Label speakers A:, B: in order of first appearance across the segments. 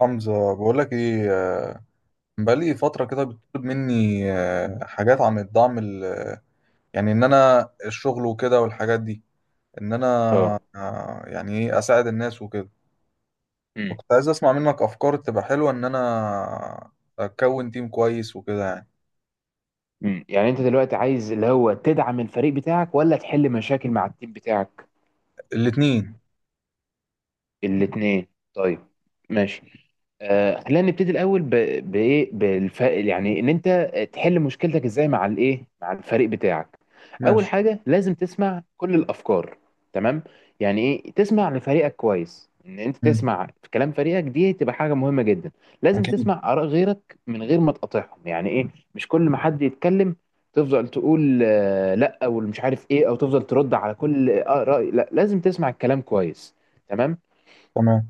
A: حمزة، بقول لك ايه. بقالي فترة كده بتطلب مني حاجات عن الدعم يعني ان انا الشغل وكده والحاجات دي ان انا.
B: اه.
A: يعني ايه اساعد الناس وكده.
B: امم.
A: فكنت عايز اسمع منك افكار تبقى حلوة ان انا اكون تيم كويس وكده يعني.
B: يعني انت دلوقتي عايز اللي هو تدعم الفريق بتاعك ولا تحل مشاكل مع التيم بتاعك؟
A: الاتنين.
B: الاتنين. طيب. ماشي. خلينا نبتدي الاول يعني ان انت تحل مشكلتك ازاي مع مع الفريق بتاعك. اول
A: ماشي.
B: حاجه لازم تسمع كل الافكار. تمام. يعني ايه تسمع لفريقك كويس؟ ان انت
A: مم.
B: تسمع في كلام فريقك دي تبقى حاجه مهمه جدا. لازم
A: اكيد.
B: تسمع اراء غيرك من غير ما تقاطعهم. يعني ايه؟ مش كل ما حد يتكلم تفضل تقول لا او مش عارف ايه او تفضل ترد على كل اراء. لا، لازم تسمع الكلام كويس. تمام.
A: تمام.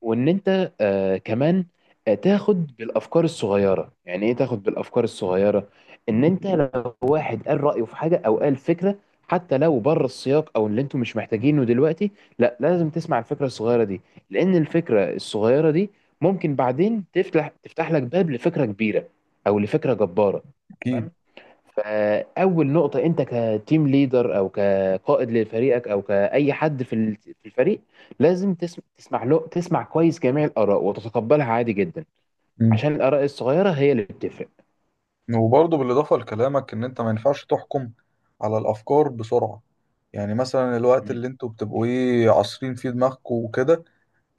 B: وان انت آه كمان تاخد بالافكار الصغيره. يعني ايه تاخد بالافكار الصغيره؟ ان انت لو واحد قال رايه في حاجه او قال فكره، حتى لو بره السياق او اللي انتوا مش محتاجينه دلوقتي، لا لازم تسمع الفكره الصغيره دي. لان الفكره الصغيره دي ممكن بعدين تفتح لك باب لفكره كبيره او لفكره جباره.
A: اكيد.
B: تمام. فاول نقطه انت كتيم ليدر او كقائد لفريقك او كاي حد في في الفريق، لازم تسمع له، تسمع كويس جميع الاراء وتتقبلها عادي جدا،
A: مم.
B: عشان الاراء الصغيره هي اللي بتفرق.
A: وبرضه بالاضافة لكلامك ان انت ما ينفعش تحكم على الافكار بسرعة. يعني مثلا الوقت
B: مم.
A: اللي انتوا بتبقوا ايه عصرين فيه دماغكم وكده،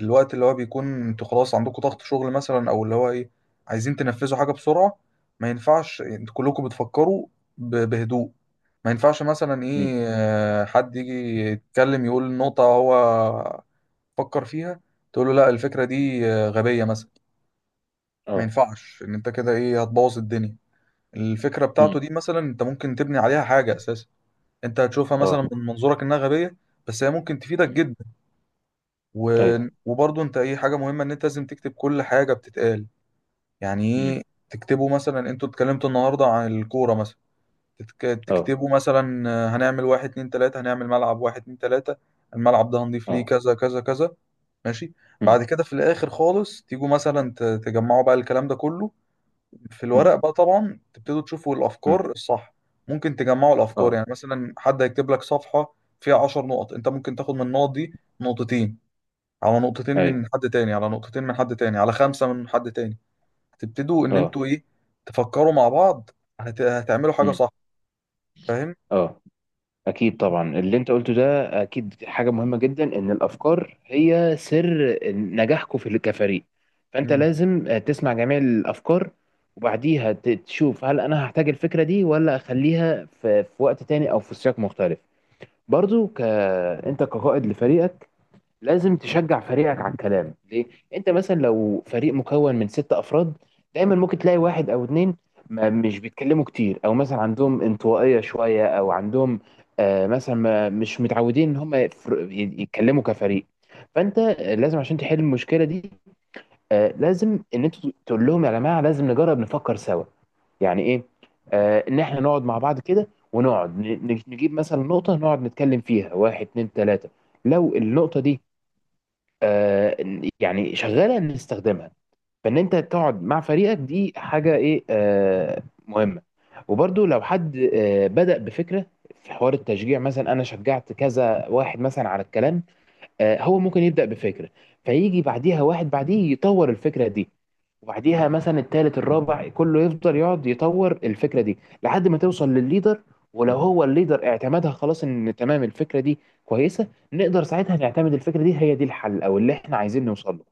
A: الوقت اللي هو بيكون انتوا خلاص عندكم ضغط شغل مثلا او اللي هو ايه عايزين تنفذوا حاجة بسرعة، ما ينفعش انتوا كلكم بتفكروا بهدوء. ما ينفعش مثلا
B: مم.
A: ايه حد يجي يتكلم يقول نقطة هو فكر فيها، تقول له لا الفكرة
B: مم.
A: دي غبية مثلا. ما
B: اه.
A: ينفعش ان انت كده ايه هتبوظ الدنيا. الفكرة بتاعته
B: مم.
A: دي مثلا انت ممكن تبني عليها حاجة اساسا. انت هتشوفها
B: اه.
A: مثلا من منظورك انها غبية، بس هي ممكن تفيدك
B: مم.
A: جدا. و...
B: ايوه.
A: وبرضه انت ايه حاجه مهمه ان انت لازم تكتب كل حاجه بتتقال. يعني
B: مم.
A: ايه، تكتبوا مثلا انتوا اتكلمتوا النهارده عن الكوره مثلا، تتك...
B: اه.
A: تكتبوا مثلا هنعمل واحد اتنين تلاته، هنعمل ملعب واحد اتنين تلاته، الملعب ده هنضيف ليه
B: اه.
A: كذا كذا كذا. ماشي.
B: مم.
A: بعد كده في الاخر خالص تيجوا مثلا تجمعوا بقى الكلام ده كله في
B: مم.
A: الورق، بقى طبعا تبتدوا تشوفوا
B: مم.
A: الافكار الصح. ممكن تجمعوا الافكار،
B: اه.
A: يعني مثلا حد هيكتب لك صفحه فيها 10 نقط، انت ممكن تاخد من النقط دي نقطتين، على نقطتين
B: ايوه.
A: من حد تاني، على نقطتين من حد تاني، على 5 من حد تاني. هتبتدوا ان
B: اه.
A: انتوا ايه تفكروا مع بعض، هتعملوا حاجة
B: مم.
A: صح. فاهم.
B: اه. أكيد طبعا اللي أنت قلته ده أكيد حاجة مهمة جدا. إن الأفكار هي سر نجاحكم في كفريق. فأنت
A: امم
B: لازم تسمع جميع الأفكار وبعديها تشوف هل أنا هحتاج الفكرة دي ولا أخليها في وقت تاني أو في سياق مختلف. برضو أنت كقائد لفريقك لازم تشجع فريقك على الكلام. ليه؟ انت مثلا لو فريق مكون من ست افراد، دايما ممكن تلاقي واحد او اتنين ما مش بيتكلموا كتير، او مثلا عندهم انطوائية شوية، او عندهم آه مثلا ما مش متعودين ان هم يتكلموا كفريق. فانت لازم عشان تحل المشكلة دي، آه لازم ان انت تقول لهم يا جماعة لازم نجرب نفكر سوا. يعني ايه؟ آه ان احنا نقعد مع بعض كده ونقعد نجيب مثلا نقطة نقعد نتكلم فيها واحد اتنين تلاتة. لو النقطة دي آه، يعني شغاله ان نستخدمها. فان انت تقعد مع فريقك دي حاجه ايه مهمه. وبرضو لو حد بدأ بفكره في حوار التشجيع، مثلا انا شجعت كذا واحد مثلا على الكلام، هو ممكن يبدأ بفكرة، فيجي بعديها واحد بعديه يطور الفكرة دي، وبعديها مثلا التالت الرابع كله يفضل يقعد يطور الفكرة دي لحد ما توصل للليدر. ولو هو الليدر اعتمدها، خلاص ان تمام الفكرة دي كويسة، نقدر ساعتها نعتمد الفكرة دي هي دي الحل او اللي احنا عايزين نوصل له.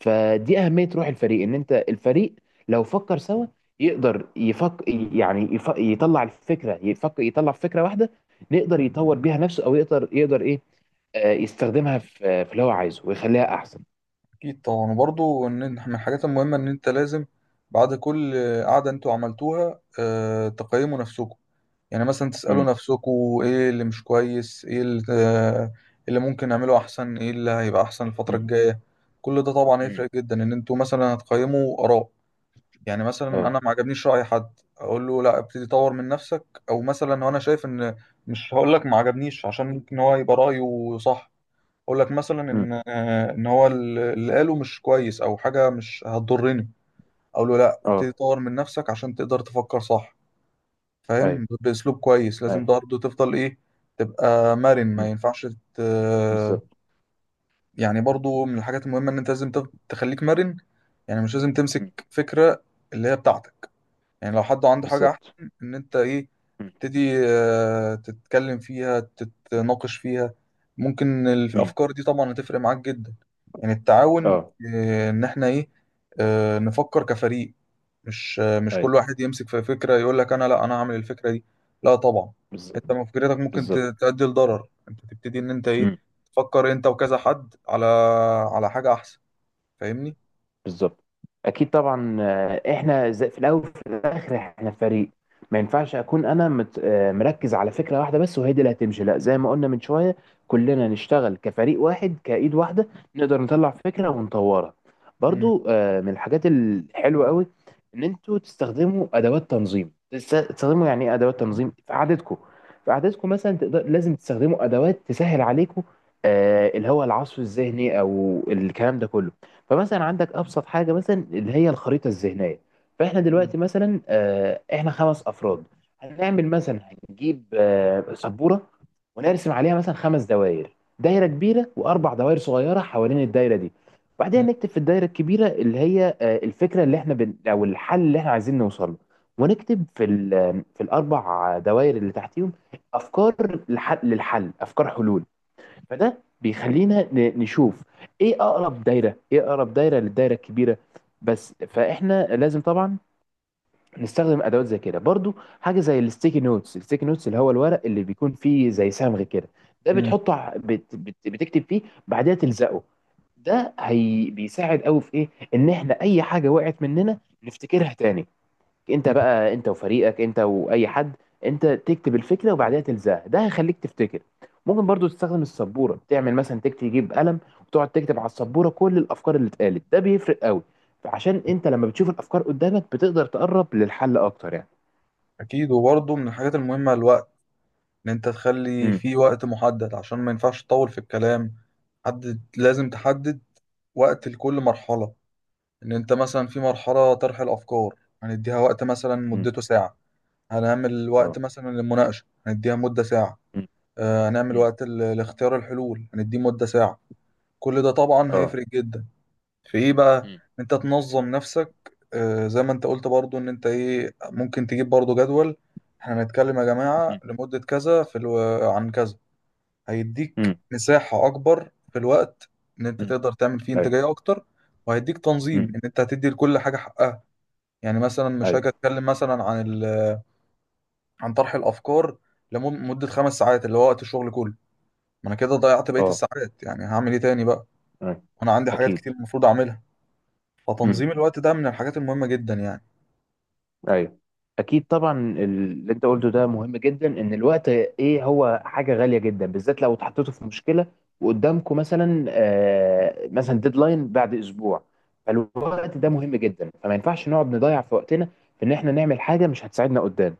B: فدي أهمية روح الفريق. ان انت الفريق لو فكر سوا يقدر يفك، يعني يطلع الفكرة، يطلع فكرة واحدة نقدر يطور بيها نفسه، او يقدر يقدر ايه يستخدمها في اللي هو عايزه ويخليها احسن.
A: اكيد طبعا. وبرضو ان إن من الحاجات المهمة ان انت لازم بعد كل قعدة انتوا عملتوها تقيموا نفسكم. يعني مثلا تسألوا
B: امم.
A: نفسكم ايه اللي مش كويس، ايه اللي ممكن نعمله احسن، ايه اللي هيبقى احسن الفترة
B: امم.
A: الجاية. كل ده طبعا
B: امم.
A: هيفرق جدا ان انتوا مثلا هتقيموا آراء. يعني مثلا
B: اه.
A: انا ما عجبنيش راي حد، اقول له لا ابتدي طور من نفسك، او مثلا لو انا شايف ان مش هقول لك ما عجبنيش عشان ممكن هو يبقى رايه صح، اقول لك مثلا
B: امم.
A: ان ان هو اللي قاله مش كويس او حاجه مش هتضرني، اقول له لا ابتدي
B: اه.
A: طور من نفسك عشان تقدر تفكر صح.
B: ايوه.
A: فاهم. باسلوب كويس، لازم
B: ايوه.
A: برضه تفضل ايه تبقى مرن. ما
B: امم.
A: ينفعش ت-
B: بالظبط.
A: يعني برضه من الحاجات المهمه ان انت لازم تخليك مرن. يعني مش لازم
B: امم.
A: تمسك فكره اللي هي بتاعتك. يعني لو حد عنده حاجة أحسن،
B: بالظبط.
A: إن أنت إيه
B: امم.
A: تبتدي تتكلم فيها تتناقش فيها. ممكن
B: امم.
A: الأفكار دي طبعا هتفرق معاك جدا. يعني التعاون،
B: اه.
A: إن إحنا إيه نفكر كفريق. مش مش
B: ايوه.
A: كل واحد يمسك في فكرة يقول لك أنا، لا أنا هعمل الفكرة دي. لا طبعا، أنت
B: بالظبط.
A: من فكرتك ممكن
B: بالظبط.
A: تؤدي لضرر. أنت تبتدي إن أنت إيه تفكر أنت وكذا حد على على حاجة أحسن. فاهمني؟
B: بالظبط. اكيد طبعا احنا زي في الاول وفي الاخر احنا فريق. ما ينفعش اكون انا مركز على فكره واحده بس وهي دي اللي هتمشي. لا زي ما قلنا من شويه، كلنا نشتغل كفريق واحد كايد واحده نقدر نطلع فكره ونطورها.
A: مم.
B: برضو من الحاجات الحلوه قوي ان انتوا تستخدموا ادوات تنظيم، تستخدموا يعني ايه ادوات تنظيم في قعدتكم. في قعدتكم مثلا تقدر لازم تستخدموا ادوات تسهل عليكم اللي هو العصف الذهني او الكلام ده كله. فمثلا عندك ابسط حاجه مثلا اللي هي الخريطه الذهنيه. فاحنا
A: مم.
B: دلوقتي مثلا احنا خمس افراد، هنعمل مثلا، هنجيب سبوره ونرسم عليها مثلا خمس دوائر، دايره كبيره واربع دوائر صغيره حوالين الدايره دي. وبعدها
A: مم.
B: نكتب في الدايره الكبيره اللي هي الفكره اللي احنا او الحل اللي احنا عايزين نوصل له. ونكتب في ال... آه، في الاربع دوائر اللي تحتيهم افكار للحل, افكار حلول. فده بيخلينا نشوف ايه اقرب دايره، ايه اقرب دايره للدايره الكبيره بس. فاحنا لازم طبعا نستخدم ادوات زي كده برضو، حاجه زي الستيكي نوتس. الستيكي نوتس اللي هو الورق اللي بيكون فيه زي صمغ كده، ده
A: مم.
B: بتحطه ع- بت بت بتكتب فيه، بعدها تلزقه. ده هي بيساعد قوي في ايه؟ ان احنا اي حاجه وقعت مننا نفتكرها تاني. انت بقى انت وفريقك انت واي حد انت تكتب الفكره وبعدها تلزقها، ده هيخليك تفتكر. ممكن برضو تستخدم السبوره، تعمل مثلا تكتب، تجيب قلم وتقعد تكتب على السبوره كل الافكار اللي اتقالت. ده بيفرق قوي. فعشان انت لما بتشوف الافكار قدامك بتقدر تقرب للحل اكتر يعني.
A: أكيد. وبرضه من الحاجات المهمة الوقت، ان انت تخلي
B: امم.
A: في وقت محدد عشان ما ينفعش تطول في الكلام. لازم تحدد وقت لكل مرحلة. ان انت مثلا في مرحلة طرح الافكار هنديها وقت مثلا
B: امم.
A: مدته ساعة. هنعمل
B: اه.
A: وقت مثلا للمناقشة هنديها مدة ساعة.
B: امم.
A: هنعمل
B: امم.
A: وقت لاختيار الحلول هنديه مدة ساعة. كل ده طبعا
B: اه.
A: هيفرق جدا في ايه بقى، ان
B: امم.
A: انت تنظم نفسك. زي ما انت قلت برضو ان انت ايه ممكن تجيب برضو جدول. احنا هنتكلم يا جماعة
B: امم.
A: لمدة كذا عن كذا. هيديك
B: امم.
A: مساحة أكبر في الوقت، إن أنت
B: امم.
A: تقدر تعمل فيه
B: ايوه.
A: إنتاجية أكتر. وهيديك تنظيم
B: امم.
A: إن أنت هتدي لكل حاجة حقها. يعني مثلا مش هاجي
B: ايوه.
A: أتكلم مثلا عن ال عن طرح الأفكار لمدة 5 ساعات اللي هو وقت الشغل كله. ما أنا كده ضيعت بقية
B: اه.
A: الساعات، يعني هعمل إيه تاني بقى؟
B: أيوة.
A: وأنا عندي حاجات
B: اكيد.
A: كتير المفروض أعملها.
B: مم.
A: فتنظيم الوقت ده من الحاجات المهمة جدا يعني.
B: ايوه. اكيد طبعا اللي انت قلته ده مهم جدا. ان الوقت ايه هو حاجه غاليه جدا بالذات لو اتحطيتوا في مشكله، وقدامكم مثلا آه مثلا ديدلاين بعد اسبوع. فالوقت ده مهم جدا، فما ينفعش نقعد نضيع في وقتنا في ان احنا نعمل حاجه مش هتساعدنا قدام.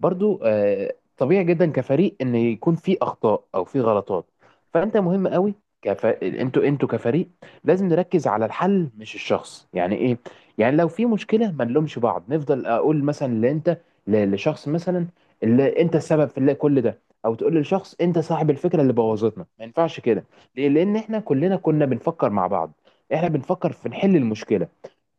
B: برضو طبيعي جدا كفريق ان يكون في اخطاء او في غلطات. فانت مهم قوي، انتوا كفريق لازم نركز على الحل مش الشخص. يعني ايه؟ يعني لو في مشكله ما نلومش بعض، نفضل اقول مثلا لانت لشخص مثلا اللي انت السبب في اللي كل ده، او تقول للشخص انت صاحب الفكره اللي بوظتنا ما ينفعش كده. ليه؟ لان احنا كلنا كنا بنفكر مع بعض، احنا بنفكر في نحل المشكله.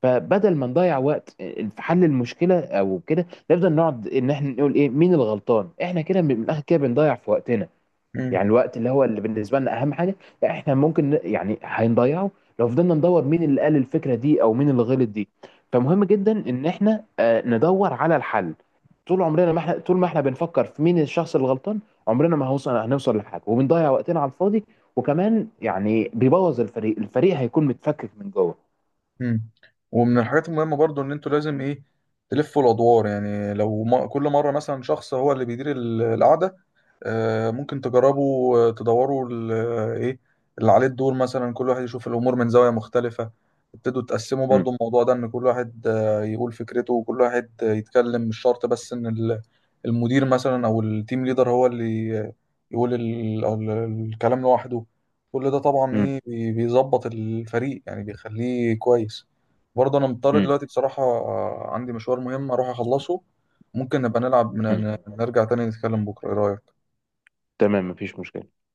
B: فبدل ما نضيع وقت في حل المشكله او كده، نفضل نقعد ان احنا نقول ايه مين الغلطان. احنا كده من الاخر كده بنضيع في وقتنا.
A: مم.
B: يعني الوقت اللي هو اللي بالنسبه لنا اهم حاجه، لا احنا ممكن يعني هنضيعه لو فضلنا ندور مين اللي قال الفكره دي او مين اللي غلط دي. فمهم جدا ان احنا ندور على الحل. طول عمرنا ما احنا، طول ما احنا بنفكر في مين الشخص الغلطان عمرنا ما هنوصل لحاجه، وبنضيع وقتنا على الفاضي. وكمان يعني بيبوظ الفريق، الفريق هيكون متفكك من جوه.
A: مم. ومن الحاجات المهمة برضو إن أنتوا لازم إيه تلفوا الأدوار. يعني لو ما كل مرة مثلا شخص هو اللي بيدير القعدة، ممكن تجربوا تدوروا ايه اللي عليه الدور مثلا، كل واحد يشوف الامور من زاويه مختلفه. ابتدوا تقسموا
B: مم.
A: برضو الموضوع ده، ان كل واحد يقول فكرته وكل واحد يتكلم، مش شرط بس ان المدير مثلا او التيم ليدر هو اللي يقول الكلام لوحده. كل ده طبعا
B: مم.
A: ايه بيظبط الفريق يعني بيخليه كويس. برضه انا مضطر
B: مم.
A: دلوقتي بصراحه، عندي مشوار مهم اروح اخلصه. ممكن نبقى نلعب
B: مم.
A: نرجع تاني نتكلم بكره، ايه رايك؟
B: تمام مفيش مشكلة.